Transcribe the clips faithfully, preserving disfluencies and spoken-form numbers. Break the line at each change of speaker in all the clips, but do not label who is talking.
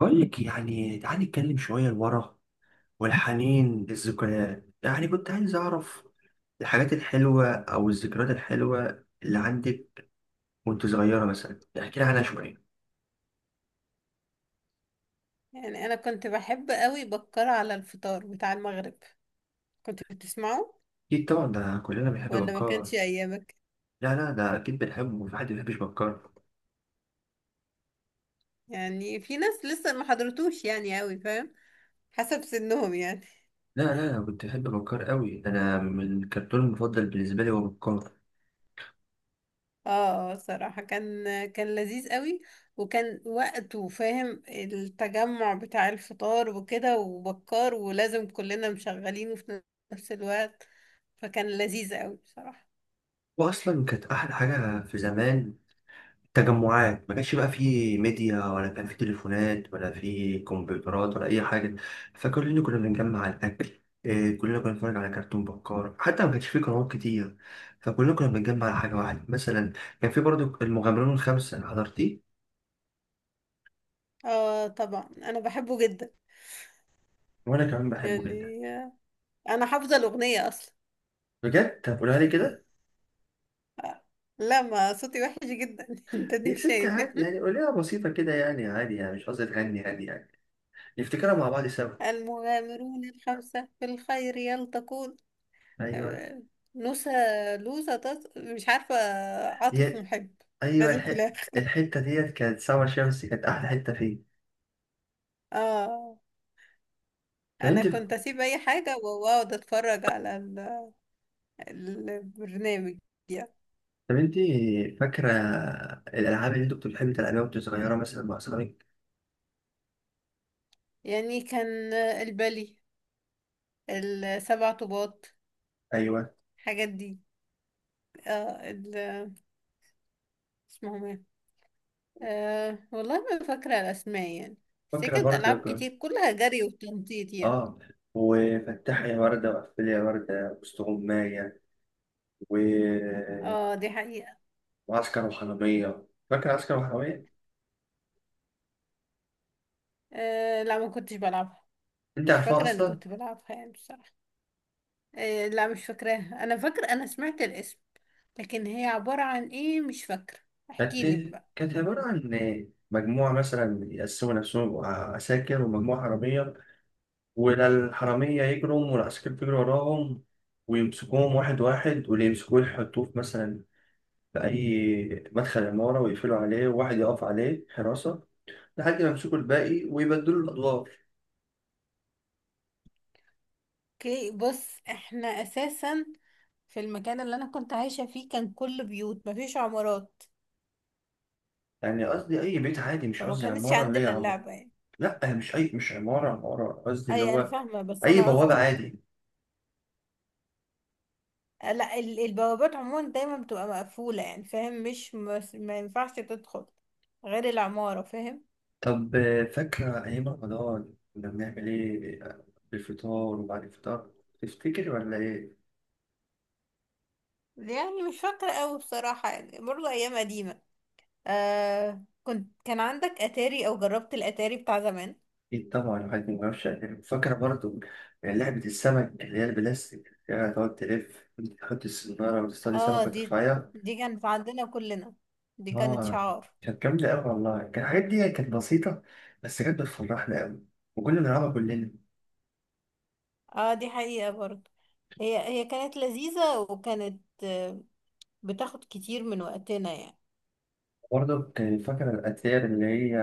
بقول لك يعني تعالي نتكلم شوية لورا، والحنين للذكريات. يعني كنت عايز أعرف الحاجات الحلوة أو الذكريات الحلوة اللي عندك وأنت صغيرة، مثلا احكي لي عنها شوية.
يعني انا كنت بحب قوي بكر على الفطار بتاع المغرب. كنت بتسمعه؟
أكيد طبعا، ده كلنا بنحب
ولا ما
بكار.
كانش ايامك؟
لا لا، ده أكيد بنحبه وفي حد ما بيحبش بكار.
يعني في ناس لسه ما حضرتوش يعني قوي فاهم، حسب سنهم يعني.
لا لا، أنا كنت بحب بكار قوي، أنا من الكرتون المفضل بالنسبة لي هو بكار.
اه آه، صراحة كان كان لذيذ قوي. وكان وقته فاهم، التجمع بتاع الفطار وكده وبكار، ولازم كلنا مشغلينه في نفس الوقت. فكان لذيذ قوي بصراحة.
وأصلا كانت أحلى حاجة في زمان تجمعات، ما كانش بقى فيه ميديا ولا كان فيه تليفونات ولا فيه كمبيوترات ولا اي حاجه، فكلنا كنا بنجمع الاكل إيه، كلنا كنا بنتفرج على كرتون بكار، حتى ما كانش فيه قنوات كتير فكلنا كنا بنجمع على حاجه واحده. مثلا كان فيه برضو المغامرون الخمسه، حضرتيه؟
اه طبعا انا بحبه جدا.
وانا كمان بحبه جدا.
يعني آه، انا حافظة الأغنية اصلا.
بجد؟ طب قولها لي كده.
لا، ما صوتي وحش جدا انت
يا
ديك
ست
شايف يعني.
عادي يعني، قولها بسيطه كده يعني، عادي يعني، مش قصدي تغني، يعني يعني نفتكرها مع بعض سوا.
المغامرون الخمسة في الخير يلتقون.
ايوه.
آه، نوسة، لوسة تص... مش عارفة، عاطف
يا
محب.
ايوه
لازم في
الح...
الآخر.
الحته ديت كانت سما شمسي، كانت احلى حته فيه.
اه،
طب
أنا
انت
كنت أسيب أي حاجة وأقعد أتفرج على ال- البرنامج يعني.
طب انت فاكرة الألعاب اللي انتوا كنتوا بتحبوا تلعبيها وانتوا صغيرة مثلا مع أصحابك؟
يعني كان البلي، السبع طوبات،
أيوه
الحاجات دي. اه، ال... اسمهم إيه؟ أه والله ما فاكرة الأسماء يعني. بس هي
فاكرة
كانت ألعاب
برضه.
كتير، كلها جري وتنطيط يعني.
اه، وفتحي يا وردة وقفلي يا وردة، وسط غماية، و...
اه دي حقيقة.
وعسكر وحرامية. فاكرة عسكر وحرامية؟
أه لا، ما كنتش بلعبها.
انت
مش
عارفاها
فاكرة إني
أصلا؟
كنت بلعبها يعني بصراحة. أه لا، مش فاكراها. أنا فاكرة أنا سمعت الاسم، لكن هي عبارة عن إيه مش فاكرة. احكيلي
كانت
بقى.
كانت عبارة عن مجموعة، مثلا يقسموا نفسهم يبقوا عساكر ومجموعة حرامية، ولا الحرامية يجروا والعساكر بيجروا وراهم ويمسكوهم واحد واحد، واللي يمسكوه يحطوه في مثلا في أي مدخل عمارة ويقفلوا عليه وواحد يقف عليه حراسة لحد ما يمسكوا الباقي ويبدلوا الأدوار.
اوكي، بص احنا أساسا في المكان اللي أنا كنت عايشة فيه كان كله بيوت، مفيش عمارات.
يعني قصدي أي بيت عادي، مش
فما
قصدي
كانتش
عمارة اللي هي
عندنا
عمارة.
اللعبة يعني.
لأ، مش أي مش عمارة عمارة قصدي، اللي
أي أنا
هو
فاهمة، بس
أي
أنا
بوابة
قصدي.
عادي.
آه، لا، ال- البوابات عموما دايما بتبقى مقفولة، يعني فاهم، مش مس- ما ينفعش تدخل غير العمارة فاهم.
طب آه، فاكرة أيام رمضان كنا بنعمل إيه بالفطار وبعد الفطار؟ تفتكر ولا إيه؟
يعني مش فاكرة أوي بصراحة يعني، برضه أيام قديمة. آه كنت كان عندك أتاري أو جربت الأتاري بتاع زمان؟
أكيد طبعا، الواحد ما يعرفش يعني. فاكرة برضه لعبة السمك اللي هي البلاستيك اللي هي تقعد تلف، تحط السنارة وتصطاد
اه،
سمكة
دي
وترفعها.
دي كانت عندنا كلنا، دي كانت
اه،
شعار.
كانت جامدة أوي والله. كان الحاجات دي كانت بسيطة بس كانت بتفرحنا أوي، وكنا بنلعبها كلنا.
اه دي حقيقة برضه. هي هي كانت لذيذة وكانت آه، بتاخد كتير من وقتنا يعني.
برضه كان فاكر الأتاري اللي هي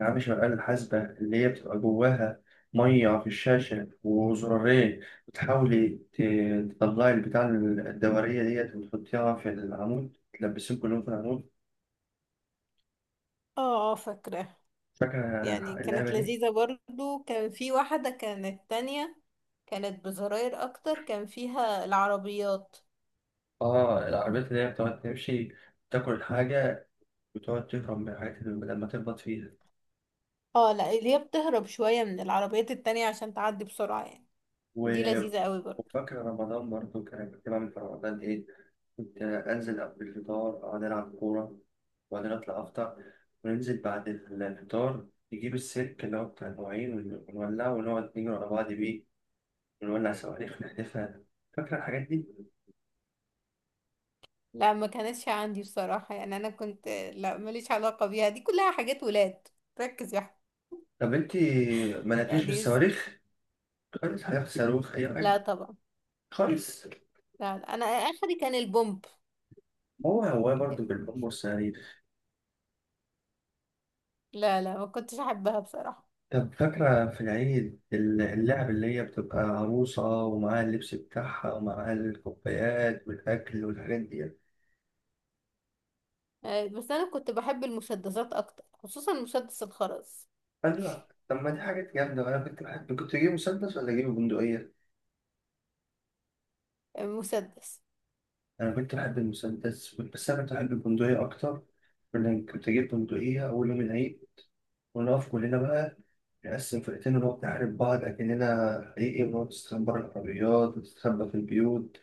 ألعاب شغال الحاسبة، اللي هي بتبقى جواها مية في الشاشة وزرارين، وتحاولي ت- تطلعي البتاع الدورية ديت وتحطيها في العمود، تلبسيهم كلهم في العمود.
اه اه فاكرة.
فاكرة
يعني
اللعبة
كانت
دي؟
لذيذة برضو. كان في واحدة كانت تانية، كانت بزراير اكتر، كان فيها العربيات.
آه، العربيات اللي هي بتقعد تمشي تاكل الحاجة وتقعد تهرب من الحاجات اللي لما تخبط فيها.
اه لا، اللي هي بتهرب شوية من العربيات التانية عشان تعدي بسرعة يعني. دي
و-
لذيذة قوي برضو.
وفاكر رمضان برضه. كان كنت بعمل في رمضان إيه؟ كنت أنزل قبل الفطار أقعد ألعب كورة، وبعدين أطلع أفطر، وننزل بعد الفطار نجيب السلك اللي هو بتاع المواعين ون- ونولعه ونقعد نجري ورا بعض بيه، ونولع صواريخ نحدفها. فاكرة الحاجات دي؟
لا، ما كانتش عندي بصراحة يعني. انا كنت لا ماليش علاقة بيها، دي كلها حاجات ولاد. ركز يا أحمد.
طب أنت ما لعبتيش
يعني إز-
بالصواريخ؟ خالص؟ حاجة صاروخ أي
لا
حاجة،
طبعا.
خالص؟
لا لا. انا اخري كان البومب.
هو هو برضه بالبوم والصواريخ.
لا لا، ما كنتش احبها بصراحة.
طب فاكرة في العيد اللعب اللي هي بتبقى عروسة ومعاها اللبس بتاعها ومعاها الكوبايات والأكل والحاجات دي؟
آه، بس انا كنت بحب المسدسات اكتر، خصوصا مسدس الخرز.
قال لا، طب ما دي حاجات جامدة. وأنا كنت بحب، كنت أجيب مسدس ولا أجيب بندقية؟
مسدس.
أنا كنت بحب المسدس، بس أنا كنت بحب البندقية أكتر، لأن كنت أجيب بندقية أول يوم العيد ونقف كلنا بقى، نقسم فرقتين ونقعد نحارب بعض أكننا حقيقي، ونقعد نستخبى بره العربيات ونستخبى في البيوت،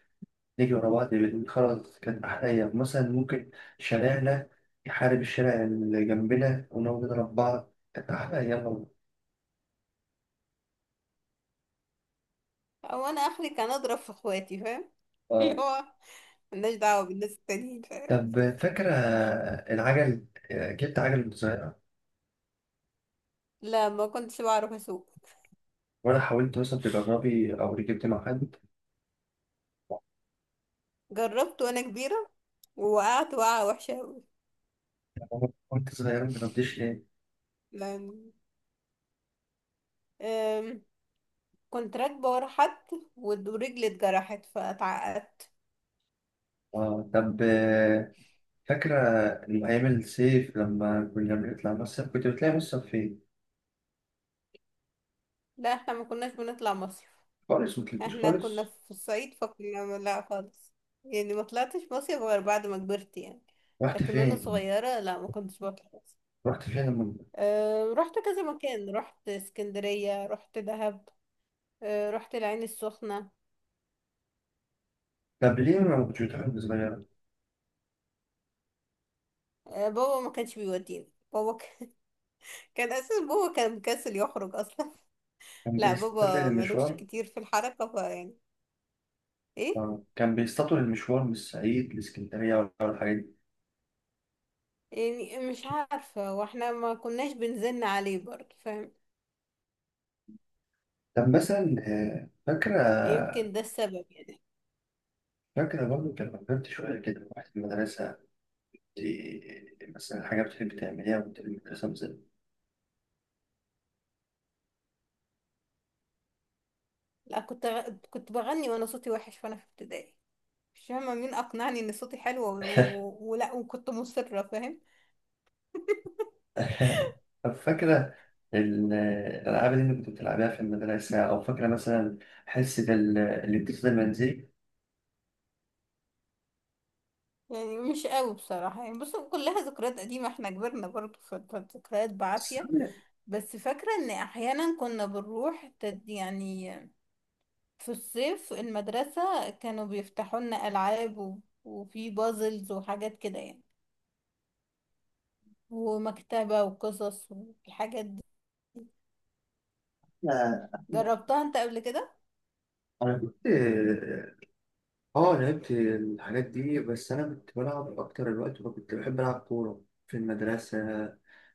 نيجي ورا بعض. بنقول خلاص كانت أحلى أيام. مثلا ممكن شارعنا يحارب الشارع اللي جنبنا ونقعد نضرب بعض، كانت أحلى أيام والله.
او انا اخري كان اضرب في اخواتي فاهم،
آه
اللي هو ملناش دعوه بالناس التانيين فاهم.
طب فاكرة العجل؟ آه، جبت عجل صغيرة؟
لا، ما كنتش بعرف اسوق.
ولا حاولت مثلا تجربي أو ركبت مع حد؟
جربت وانا كبيره، ووقعت وقعه وحشه قوي.
كنت صغيرة ما جربتش ليه؟
لان أم، كنت راكبه ورا حد، ود- ورجلي اتجرحت فاتعقدت.
آه طب آه، فاكرة أيام الصيف لما كنا بنطلع مصيف؟ كنت بتلاقي مصيف فين؟
لا، احنا ما كناش بنطلع مصيف.
خالص؟ ما طلعتش
احنا كنا
خالص؟
في الصعيد فكنا لا خالص. يعني ما طلعتش مصيف غير بعد ما كبرت يعني.
رحت
لكن وانا
فين؟
صغيره لا، ما كنتش بطلع.
رحت فين لما؟
أه رحت كذا مكان، رحت اسكندرية، رحت دهب، أه رحت العين السخنة.
طب ليه ما كنتش بتحب صغيرة؟
أه بابا ما كانش بيوديني. بابا ك... كان أساس بابا كان مكسل يخرج أصلا.
كان
لا
بيستطيل
بابا ملوش
المشوار؟
كتير في الحركة فيعني إيه.
آه، كان بيستطول المشوار من الصعيد لإسكندرية؟ ولا ولا الحاجات دي؟
يعني مش عارفة، واحنا ما كناش بنزن عليه برضه فاهم.
طب مثلا آه، فاكرة،
يمكن ده السبب يعني.
فاكرة برضه كان لما كبرت شوية كده رحت المدرسة، دي مثلا حاجة بتحب تعمليها وأنت في المدرسة مثلا؟
لا، كنت غ... كنت بغني وأنا صوتي وحش وأنا في ابتدائي. مش فاهمة مين أقنعني إن صوتي حلو و... و... ولا، وكنت مصرة فاهم.
طب فاكرة ال- الألعاب اللي أنت كنت بتلعبها في المدرسة؟ أو فاكرة مثلا حصة ال- الاتصال المنزلي؟
يعني مش قوي بصراحة يعني، بص كلها ذكريات قديمة، احنا كبرنا برضه ف- فالذكريات
بس
بعافية.
أنا،
بس فاكرة ان احيانا كنا بنروح تد يعني في الصيف المدرسة كانوا بيفتحوا لنا العاب و- وفي بازلز وحاجات كده يعني، ومكتبة وقصص والحاجات دي.
أنا-
جربتها انت قبل كده؟
أنا كنت، اه لعبت الحاجات دي، بس انا كنت بلعب اكتر. الوقت كنت بحب العب كوره في المدرسه،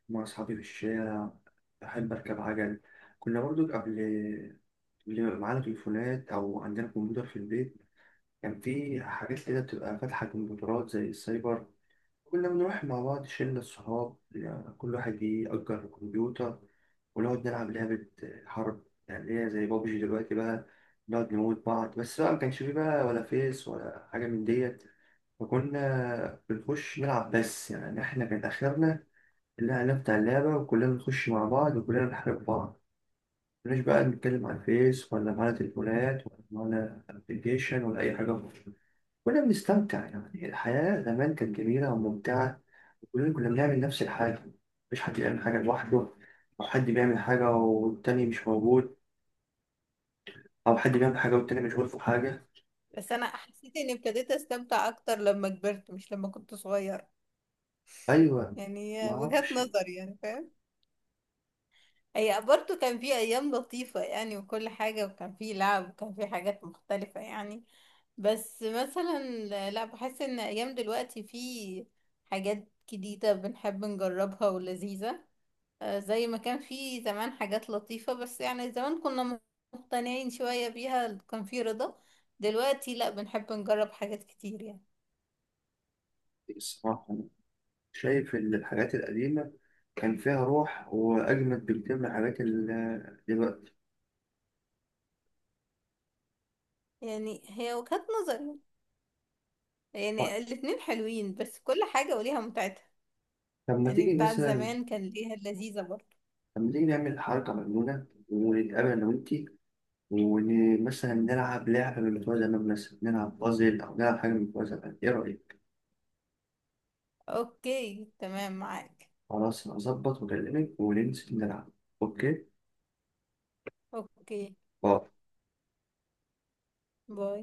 مع اصحابي في الشارع، بحب اركب عجل. كنا برضو قبل اللي معانا تليفونات او عندنا كمبيوتر في البيت، كان في حاجات كده بتبقى فاتحه كمبيوترات زي السايبر، كنا بنروح مع بعض شله الصحاب، يعني كل واحد يأجر كمبيوتر ونقعد نلعب لعبة حرب، يعني اللي هي زي بابجي دلوقتي بقى، نقعد نموت بعض. بس بقى ما كانش فيه بقى ولا فيس ولا حاجة من ديت، فكنا بنخش نلعب بس. يعني احنا كان آخرنا الإعلان بتاع اللعبة وكلنا نخش مع بعض وكلنا نحارب بعض، مش بقى نتكلم على الفيس ولا معانا تليفونات ولا معانا ابلكيشن ولا أي حاجة. كنا بنستمتع، يعني الحياة زمان كانت جميلة وممتعة، وكلنا كنا بنعمل نفس الحاجة، مفيش حد بيعمل حاجة لوحده، أو حد بيعمل حاجة والتاني مش موجود، أو حد بيعمل حاجة والتاني مشغول في حاجة.
بس انا حسيت اني ابتديت استمتع اكتر لما كبرت، مش لما كنت صغير.
أيوة. ما
يعني وجهة
أعرفش.
نظر يعني فاهم. هي برضو كان في ايام لطيفة يعني، وكل حاجة، وكان في لعب وكان في حاجات مختلفة يعني. بس مثلا، لا، بحس ان ايام دلوقتي في حاجات جديدة بنحب نجربها ولذيذة. آه، زي ما كان في زمان حاجات لطيفة، بس يعني زمان كنا مقتنعين شوية بيها، كان في رضا. دلوقتي لا، بنحب نجرب حاجات كتير يعني.
الصراحة أنا شايف إن الحاجات القديمة كان فيها روح وأجمد بكتير من الحاجات ال- دلوقتي.
يعني هي وجهات نظري يعني.
طيب،
يعني الاتنين حلوين، بس كل حاجة وليها متعتها.
طب لما
يعني
تيجي
بتاعت
مثلا،
زمان كان ليها اللذيذة برضه.
لما تيجي نعمل حركة مجنونة ونتقابل أنا وأنتي، ومثلا نلعب لعبة من بتوع زمان، مثلا نلعب بازل أو نلعب حاجة من بتوع زمان، إيه رأيك؟
اوكي تمام معاك.
خلاص أنا هظبط وأكلمك وننزل نلعب. أوكي؟
اوكي. باي.